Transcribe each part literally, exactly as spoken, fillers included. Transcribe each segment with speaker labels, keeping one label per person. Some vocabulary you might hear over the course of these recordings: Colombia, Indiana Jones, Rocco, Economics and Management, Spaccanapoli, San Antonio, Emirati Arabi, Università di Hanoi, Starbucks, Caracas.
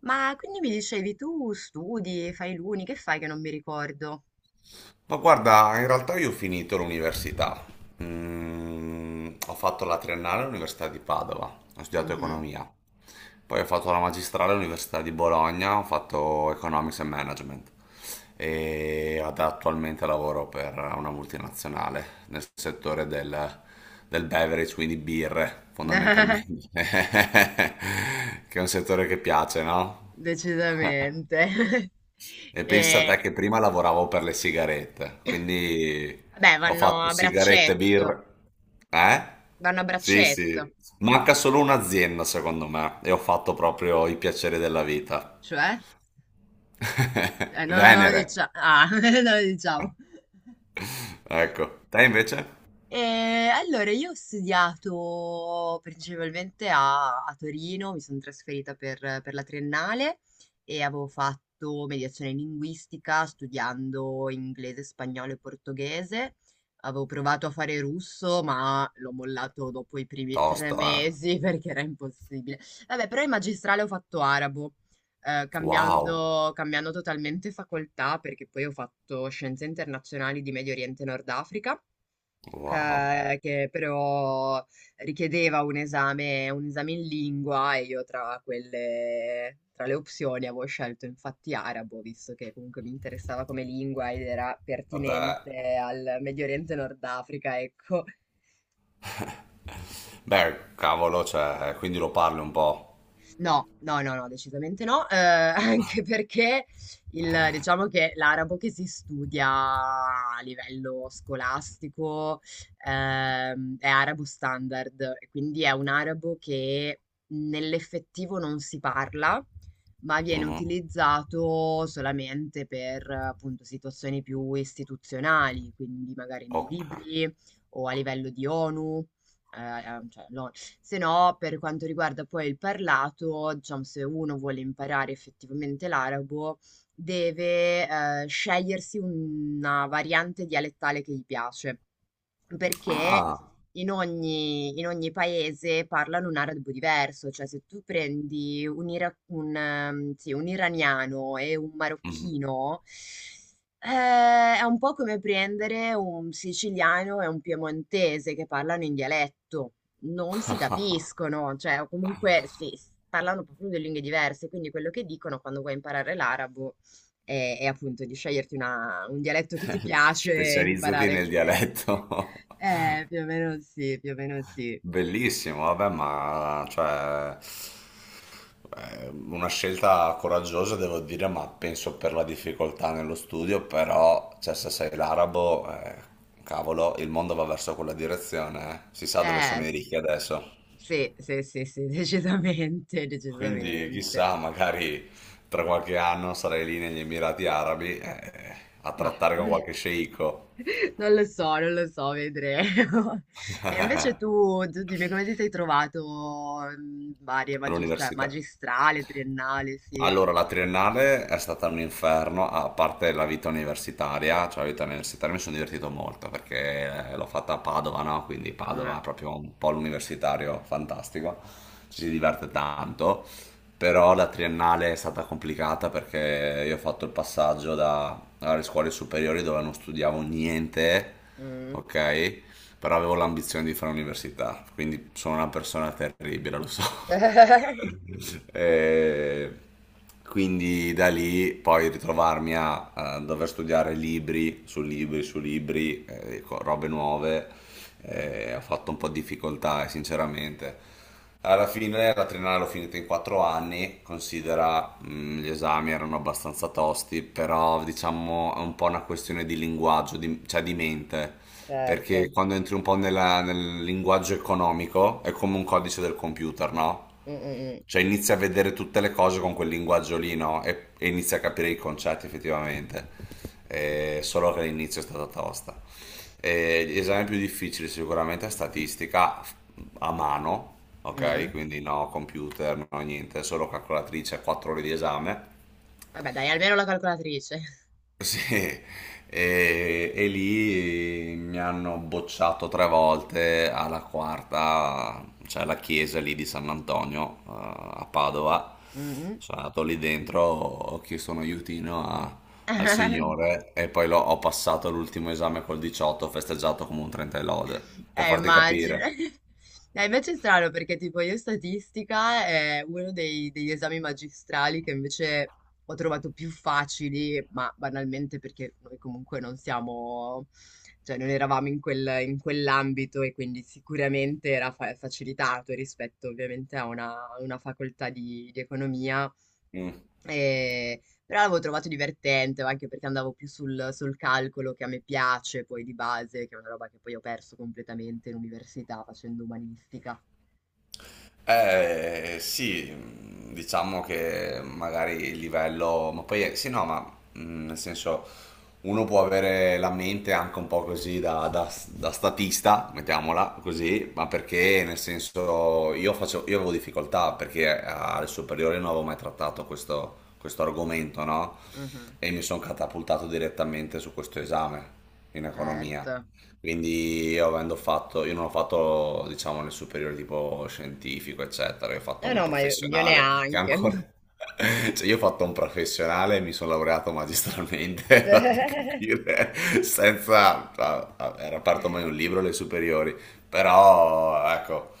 Speaker 1: Ma quindi mi dicevi tu studi, fai l'uni, che fai che non mi ricordo?
Speaker 2: Ma guarda, in realtà io ho finito l'università. Mm, ho fatto la triennale all'Università di Padova, ho studiato
Speaker 1: Mhm.
Speaker 2: economia. Poi ho fatto la magistrale all'Università di Bologna, ho fatto Economics and Management. E ad- attualmente lavoro per una multinazionale nel settore del, del beverage, quindi birre, fondamentalmente. Che è un settore che piace, no?
Speaker 1: Decisamente.
Speaker 2: E pensa a te
Speaker 1: Eh,
Speaker 2: che prima lavoravo per le sigarette, quindi
Speaker 1: beh,
Speaker 2: ho
Speaker 1: vanno
Speaker 2: fatto
Speaker 1: a
Speaker 2: sigarette,
Speaker 1: braccetto,
Speaker 2: birra. Eh?
Speaker 1: vanno a
Speaker 2: Sì,
Speaker 1: braccetto,
Speaker 2: sì. Manca solo un'azienda, secondo me, e ho fatto proprio i piaceri della vita.
Speaker 1: cioè? Eh, non, non lo
Speaker 2: Venere.
Speaker 1: diciamo. Ah, non lo diciamo.
Speaker 2: Ecco. Te invece?
Speaker 1: Ehm, allora io ho studiato principalmente a a Torino, mi son trasferita per per la triennale e avevo fatto mediazione linguistica studiando inglese, spagnolo e portoghese. Avevo provato a fare russo, ma l'ho mollato dopo i primi tre
Speaker 2: Tosto, eh.
Speaker 1: mesi perché era impossibile. Vabbè, però in magistrale ho fatto arabo, ehm,
Speaker 2: Wow.
Speaker 1: cambiando cambiando totalmente facoltà perché poi ho fatto scienze internazionali di Medio Oriente e Nord Africa,
Speaker 2: Wow.
Speaker 1: eh, che però richiedeva un esame, un esame in lingua e io tra quelle, tra le opzioni avevo scelto infatti arabo, visto che comunque mi interessava come lingua ed era
Speaker 2: Vabbè.
Speaker 1: pertinente al Medio Oriente e Nord Africa, ecco.
Speaker 2: Beh, cavolo, cioè, quindi lo parli un po'.
Speaker 1: No, no, no, no, decisamente no, eh, anche perché il, diciamo che l'arabo che si studia a livello scolastico ehm, è arabo standard, e quindi è un arabo che nell'effettivo non si parla, ma viene
Speaker 2: Mhm.
Speaker 1: utilizzato solamente per eh, appunto situazioni più istituzionali, quindi magari nei
Speaker 2: Ok.
Speaker 1: libri o a livello di ONU. Eh, eh, cioè, no. Se no, per quanto riguarda poi il parlato, diciamo, se uno vuole imparare effettivamente l'arabo, deve eh, scegliersi una variante dialettale che gli piace, perché
Speaker 2: Ah.
Speaker 1: in ogni, in ogni paese parlano un arabo diverso, cioè se tu prendi un, ira- un, ehm, sì, un iraniano e un
Speaker 2: Mhm.
Speaker 1: marocchino, Ehm, è un po' come prendere un siciliano e un piemontese che parlano in dialetto. Non si capiscono, cioè o comunque sì, s- parlano proprio due lingue diverse, quindi quello che dicono quando vuoi imparare l'arabo è, è appunto di sceglierti una- un dialetto che ti piace e
Speaker 2: Specializzati
Speaker 1: imparare
Speaker 2: nel
Speaker 1: quello.
Speaker 2: dialetto.
Speaker 1: Eh, più o meno sì, più o meno sì.
Speaker 2: Bellissimo, vabbè, ma cioè, eh, una scelta coraggiosa devo dire, ma penso per la difficoltà nello studio, però cioè, se sei l'arabo, eh, cavolo, il mondo va verso quella direzione, eh. Si sa dove
Speaker 1: Eh,
Speaker 2: sono i
Speaker 1: s-
Speaker 2: ricchi adesso.
Speaker 1: sì, sì, sì, sì, decisamente,
Speaker 2: Quindi
Speaker 1: decisamente.
Speaker 2: chissà, magari tra qualche anno sarai lì negli Emirati Arabi, eh, a
Speaker 1: Ma
Speaker 2: trattare con qualche sceicco
Speaker 1: non lo so, non lo so, vedremo. E invece tu, tu, dimmi come ti sei trovato in varie magis- cioè,
Speaker 2: all'università.
Speaker 1: magistrale, triennale, sì.
Speaker 2: Allora, la triennale è stata un inferno, a parte la vita universitaria, cioè la vita universitaria mi sono divertito molto perché eh, l'ho fatta a Padova, no? Quindi Padova è
Speaker 1: Eh,
Speaker 2: proprio un polo universitario fantastico, ci si diverte tanto, però la triennale è stata complicata perché io ho fatto il passaggio da- dalle scuole superiori dove non studiavo niente,
Speaker 1: mm.
Speaker 2: ok? Però avevo l'ambizione di fare università, quindi sono una persona terribile, lo so. E quindi da lì poi ritrovarmi a, eh, dover studiare libri su libri su libri, eh, co- robe nuove, eh, ho fatto un po' di difficoltà, eh, sinceramente. Alla fine la triennale l'ho finita in quattro anni, considera mh, gli esami erano abbastanza tosti, però diciamo è un po' una questione di linguaggio, di- cioè di mente. Perché
Speaker 1: Certo.
Speaker 2: quando entri un po' nella- nel linguaggio economico è come un codice del computer, no?
Speaker 1: Mm, mm,
Speaker 2: Cioè inizi a vedere tutte le cose con quel linguaggio lì, no? E, e inizi a capire i concetti effettivamente. Eh, solo che l'inizio è stata tosta. Eh, gli esami più difficili sicuramente è statistica f- a mano,
Speaker 1: mm,
Speaker 2: ok?
Speaker 1: mm.
Speaker 2: Quindi no computer, no niente, solo calcolatrice, quattro ore di esame.
Speaker 1: Vabbè, dai, almeno la calcolatrice.
Speaker 2: Sì, e, e lì mi hanno bocciato tre volte alla quarta, c'è la chiesa lì di San Antonio, eh, a Padova.
Speaker 1: Mm.
Speaker 2: Sono andato lì dentro, ho chiesto un aiutino a- al
Speaker 1: Mm.
Speaker 2: signore e poi l'ho- ho passato l'ultimo esame col diciotto, ho festeggiato come un trenta e lode, per
Speaker 1: Eh,
Speaker 2: farti
Speaker 1: immagino.
Speaker 2: capire.
Speaker 1: Eh, invece è strano perché tipo io statistica è uno dei- degli esami magistrali che invece ho trovato più facili, ma banalmente perché noi comunque non siamo, cioè non eravamo in quel- in quell'ambito e quindi sicuramente era fa- facilitato rispetto ovviamente a una, una facoltà di di economia.
Speaker 2: Mm.
Speaker 1: E- Però l'avevo trovato divertente, anche perché andavo più sul, sul calcolo che a me piace, poi di base, che è una roba che poi ho perso completamente in università facendo umanistica.
Speaker 2: Eh, sì, mh, diciamo che magari il livello, ma poi eh, sì, no, ma mh, nel senso uno può avere la mente anche un po' così da, da- da statista, mettiamola così, ma perché nel senso io faccio, io avevo difficoltà perché alle superiori non avevo mai trattato questo, questo argomento, no?
Speaker 1: Mhm,
Speaker 2: E mi sono catapultato direttamente su questo esame in economia.
Speaker 1: certo.
Speaker 2: Quindi io avendo fatto, io non ho fatto diciamo nel superiore tipo scientifico eccetera, io ho fatto
Speaker 1: No,
Speaker 2: un
Speaker 1: no, ma io, io
Speaker 2: professionale che ancora,
Speaker 1: neanche.
Speaker 2: cioè io ho fatto un professionale e mi sono laureato magistralmente, fate capire, senza, ah, ah, era aperto mai un libro alle superiori, però ecco,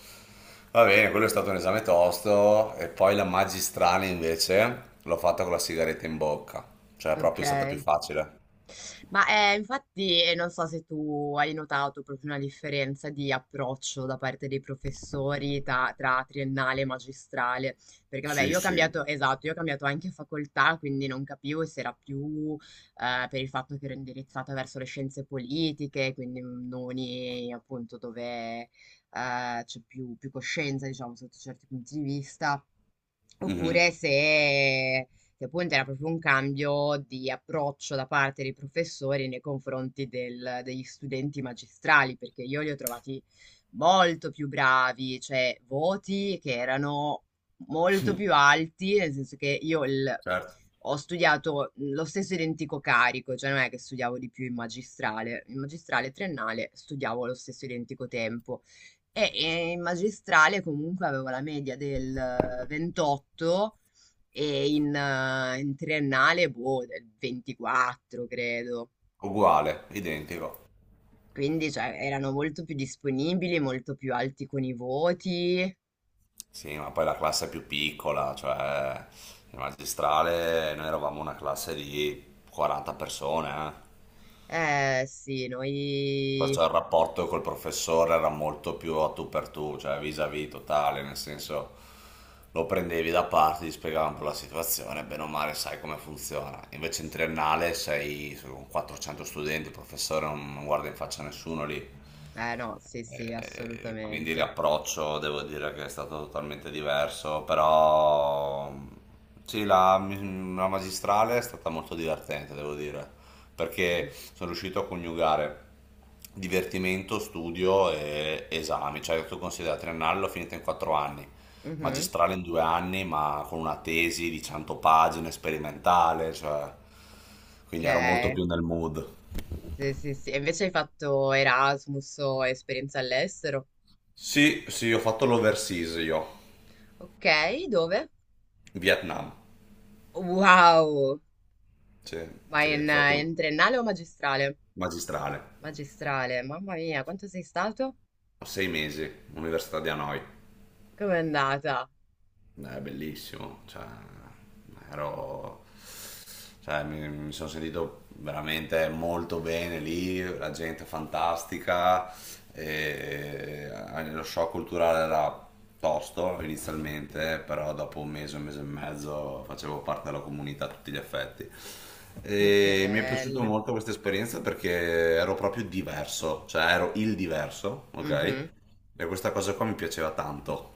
Speaker 2: va bene, quello è stato un esame tosto e poi la magistrale invece l'ho fatta con la sigaretta in bocca, cioè
Speaker 1: Ok.
Speaker 2: proprio è stata più facile.
Speaker 1: Ma eh, infatti eh, non so se tu hai notato proprio una differenza di approccio da parte dei professori ta- tra, triennale e magistrale, perché vabbè
Speaker 2: Sì,
Speaker 1: io ho
Speaker 2: sì,
Speaker 1: cambiato, esatto, io ho cambiato anche facoltà, quindi non capivo se era più eh, per il fatto che ero indirizzata verso le scienze politiche, quindi noni appunto dove eh, c'è più, più coscienza, diciamo, sotto certi punti di vista.
Speaker 2: mhm,
Speaker 1: Oppure se, se appunto era proprio un cambio di approccio da parte dei professori nei confronti del- degli studenti magistrali, perché io li ho trovati molto più bravi, cioè voti che erano molto più alti, nel senso che io il-
Speaker 2: certo.
Speaker 1: ho studiato lo stesso identico carico, cioè non è che studiavo di più in magistrale, in magistrale triennale studiavo lo stesso identico tempo, eh, e in magistrale comunque avevo la media del ventotto e in, eh, in triennale, boh, del ventiquattro, credo.
Speaker 2: Uguale, identico.
Speaker 1: Quindi, cioè, erano molto più disponibili, molto più alti con i voti.
Speaker 2: Sì, ma poi la classe è più piccola, cioè il magistrale noi eravamo una classe di quaranta persone, eh.
Speaker 1: Eh, sì, noi...
Speaker 2: Perciò il rapporto col professore era molto più a tu per tu, cioè vis-à-vis totale, nel senso lo prendevi da parte, ti spiegava un po' la situazione, bene o male sai come funziona. Invece in triennale sei con quattrocento studenti, il professore non non guarda in faccia a nessuno lì.
Speaker 1: Eh, no, sì, sì,
Speaker 2: E quindi
Speaker 1: assolutamente.
Speaker 2: l'approccio devo dire che è stato totalmente diverso, però sì, la, la magistrale è stata molto divertente, devo dire,
Speaker 1: Mhm.
Speaker 2: perché sono riuscito a coniugare divertimento, studio e esami, cioè tu considera triennale l'ho finita in quattro anni,
Speaker 1: Mhm.
Speaker 2: magistrale in due anni, ma con una tesi di cento pagine, sperimentale, cioè,
Speaker 1: Ok.
Speaker 2: quindi ero molto più nel mood.
Speaker 1: Sì, sì, sì. E invece hai fatto Erasmus o esperienza all'estero?
Speaker 2: Sì, sì, ho fatto l'overseas io,
Speaker 1: Ok, dove?
Speaker 2: Vietnam.
Speaker 1: Wow!
Speaker 2: Sì,
Speaker 1: Ma
Speaker 2: sì,
Speaker 1: in,
Speaker 2: ho
Speaker 1: eh,
Speaker 2: fatto
Speaker 1: in triennale o magistrale?
Speaker 2: magistrale.
Speaker 1: Magistrale, mamma mia, quanto sei stato?
Speaker 2: Ho Sei mesi, Università di Hanoi.
Speaker 1: Com'è andata?
Speaker 2: Eh, È bellissimo, cioè, ero, cioè, mi, mi sono sentito veramente molto bene lì, la gente fantastica, e, eh, lo shock culturale era tosto
Speaker 1: Mm,
Speaker 2: inizialmente, però dopo un mese, un mese e mezzo facevo parte della comunità a tutti gli effetti.
Speaker 1: che
Speaker 2: E mi è piaciuta
Speaker 1: bello.
Speaker 2: molto questa esperienza perché ero proprio diverso, cioè ero il diverso, ok?
Speaker 1: Mhm.
Speaker 2: E questa cosa qua mi piaceva tanto.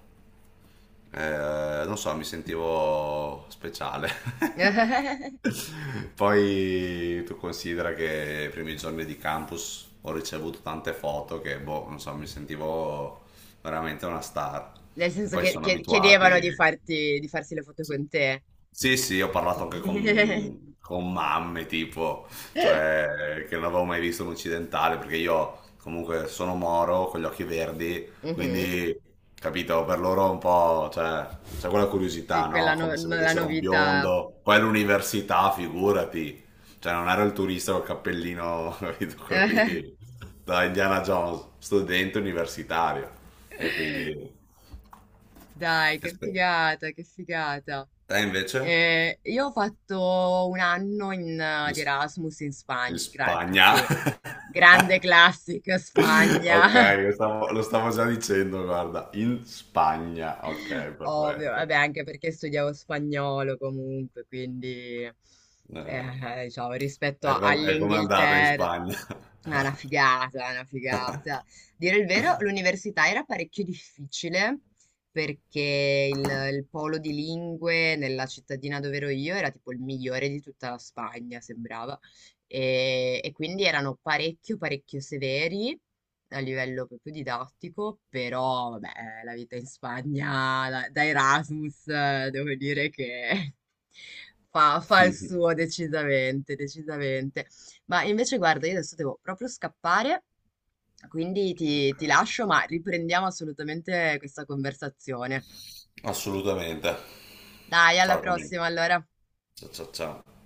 Speaker 2: Eh, non so, mi sentivo speciale. Poi tu considera che i primi giorni di campus ho ricevuto tante foto che, boh, non so, mi sentivo veramente una star.
Speaker 1: Nel senso
Speaker 2: Poi
Speaker 1: che
Speaker 2: sono
Speaker 1: che- chiedevano
Speaker 2: abituati.
Speaker 1: di farti, di farsi le foto
Speaker 2: Sì,
Speaker 1: con te.
Speaker 2: sì, sì, ho parlato anche con, con mamme, tipo, cioè, che non avevo mai visto un occidentale, perché io comunque sono moro, con gli occhi verdi,
Speaker 1: Mhm.
Speaker 2: quindi, capito, per loro è un po', cioè, c'è quella
Speaker 1: Sì,
Speaker 2: curiosità,
Speaker 1: quella
Speaker 2: no?
Speaker 1: no-
Speaker 2: Come se
Speaker 1: no- la
Speaker 2: vedessero un
Speaker 1: novità.
Speaker 2: biondo, poi all'università, figurati, cioè, non ero il turista col cappellino, capito, quello lì, da Indiana Jones, studente universitario, e quindi,
Speaker 1: Dai, che
Speaker 2: aspetta,
Speaker 1: figata, che figata.
Speaker 2: te invece?
Speaker 1: Eh, io ho fatto un anno in, eh, di Erasmus in
Speaker 2: In
Speaker 1: Spagna, gra-
Speaker 2: Spagna.
Speaker 1: sì, grande classica Spagna,
Speaker 2: Ok, lo stavo, lo stavo già dicendo, guarda, in Spagna. Ok,
Speaker 1: ovvio,
Speaker 2: perfetto.
Speaker 1: vabbè, anche perché studiavo spagnolo comunque, quindi
Speaker 2: Eh,
Speaker 1: eh, diciamo, rispetto
Speaker 2: è,
Speaker 1: a-
Speaker 2: com- è come andata in
Speaker 1: all'Inghilterra.
Speaker 2: Spagna?
Speaker 1: Ah, una figata, una figata. Dire il vero, l'università era parecchio difficile perché il, il polo di lingue nella cittadina dove ero io era tipo il migliore di tutta la Spagna, sembrava. E, e quindi erano parecchio, parecchio severi a livello proprio didattico, però vabbè, la vita in Spagna da, da Erasmus, eh, devo dire che fa fa il
Speaker 2: Ok.
Speaker 1: suo decisamente, decisamente. Ma invece guarda, io adesso devo proprio scappare, quindi ti, ti, lascio, ma riprendiamo assolutamente questa conversazione.
Speaker 2: Assolutamente.
Speaker 1: Dai, alla
Speaker 2: Ciao Camillo.
Speaker 1: prossima allora.
Speaker 2: Ciao ciao ciao.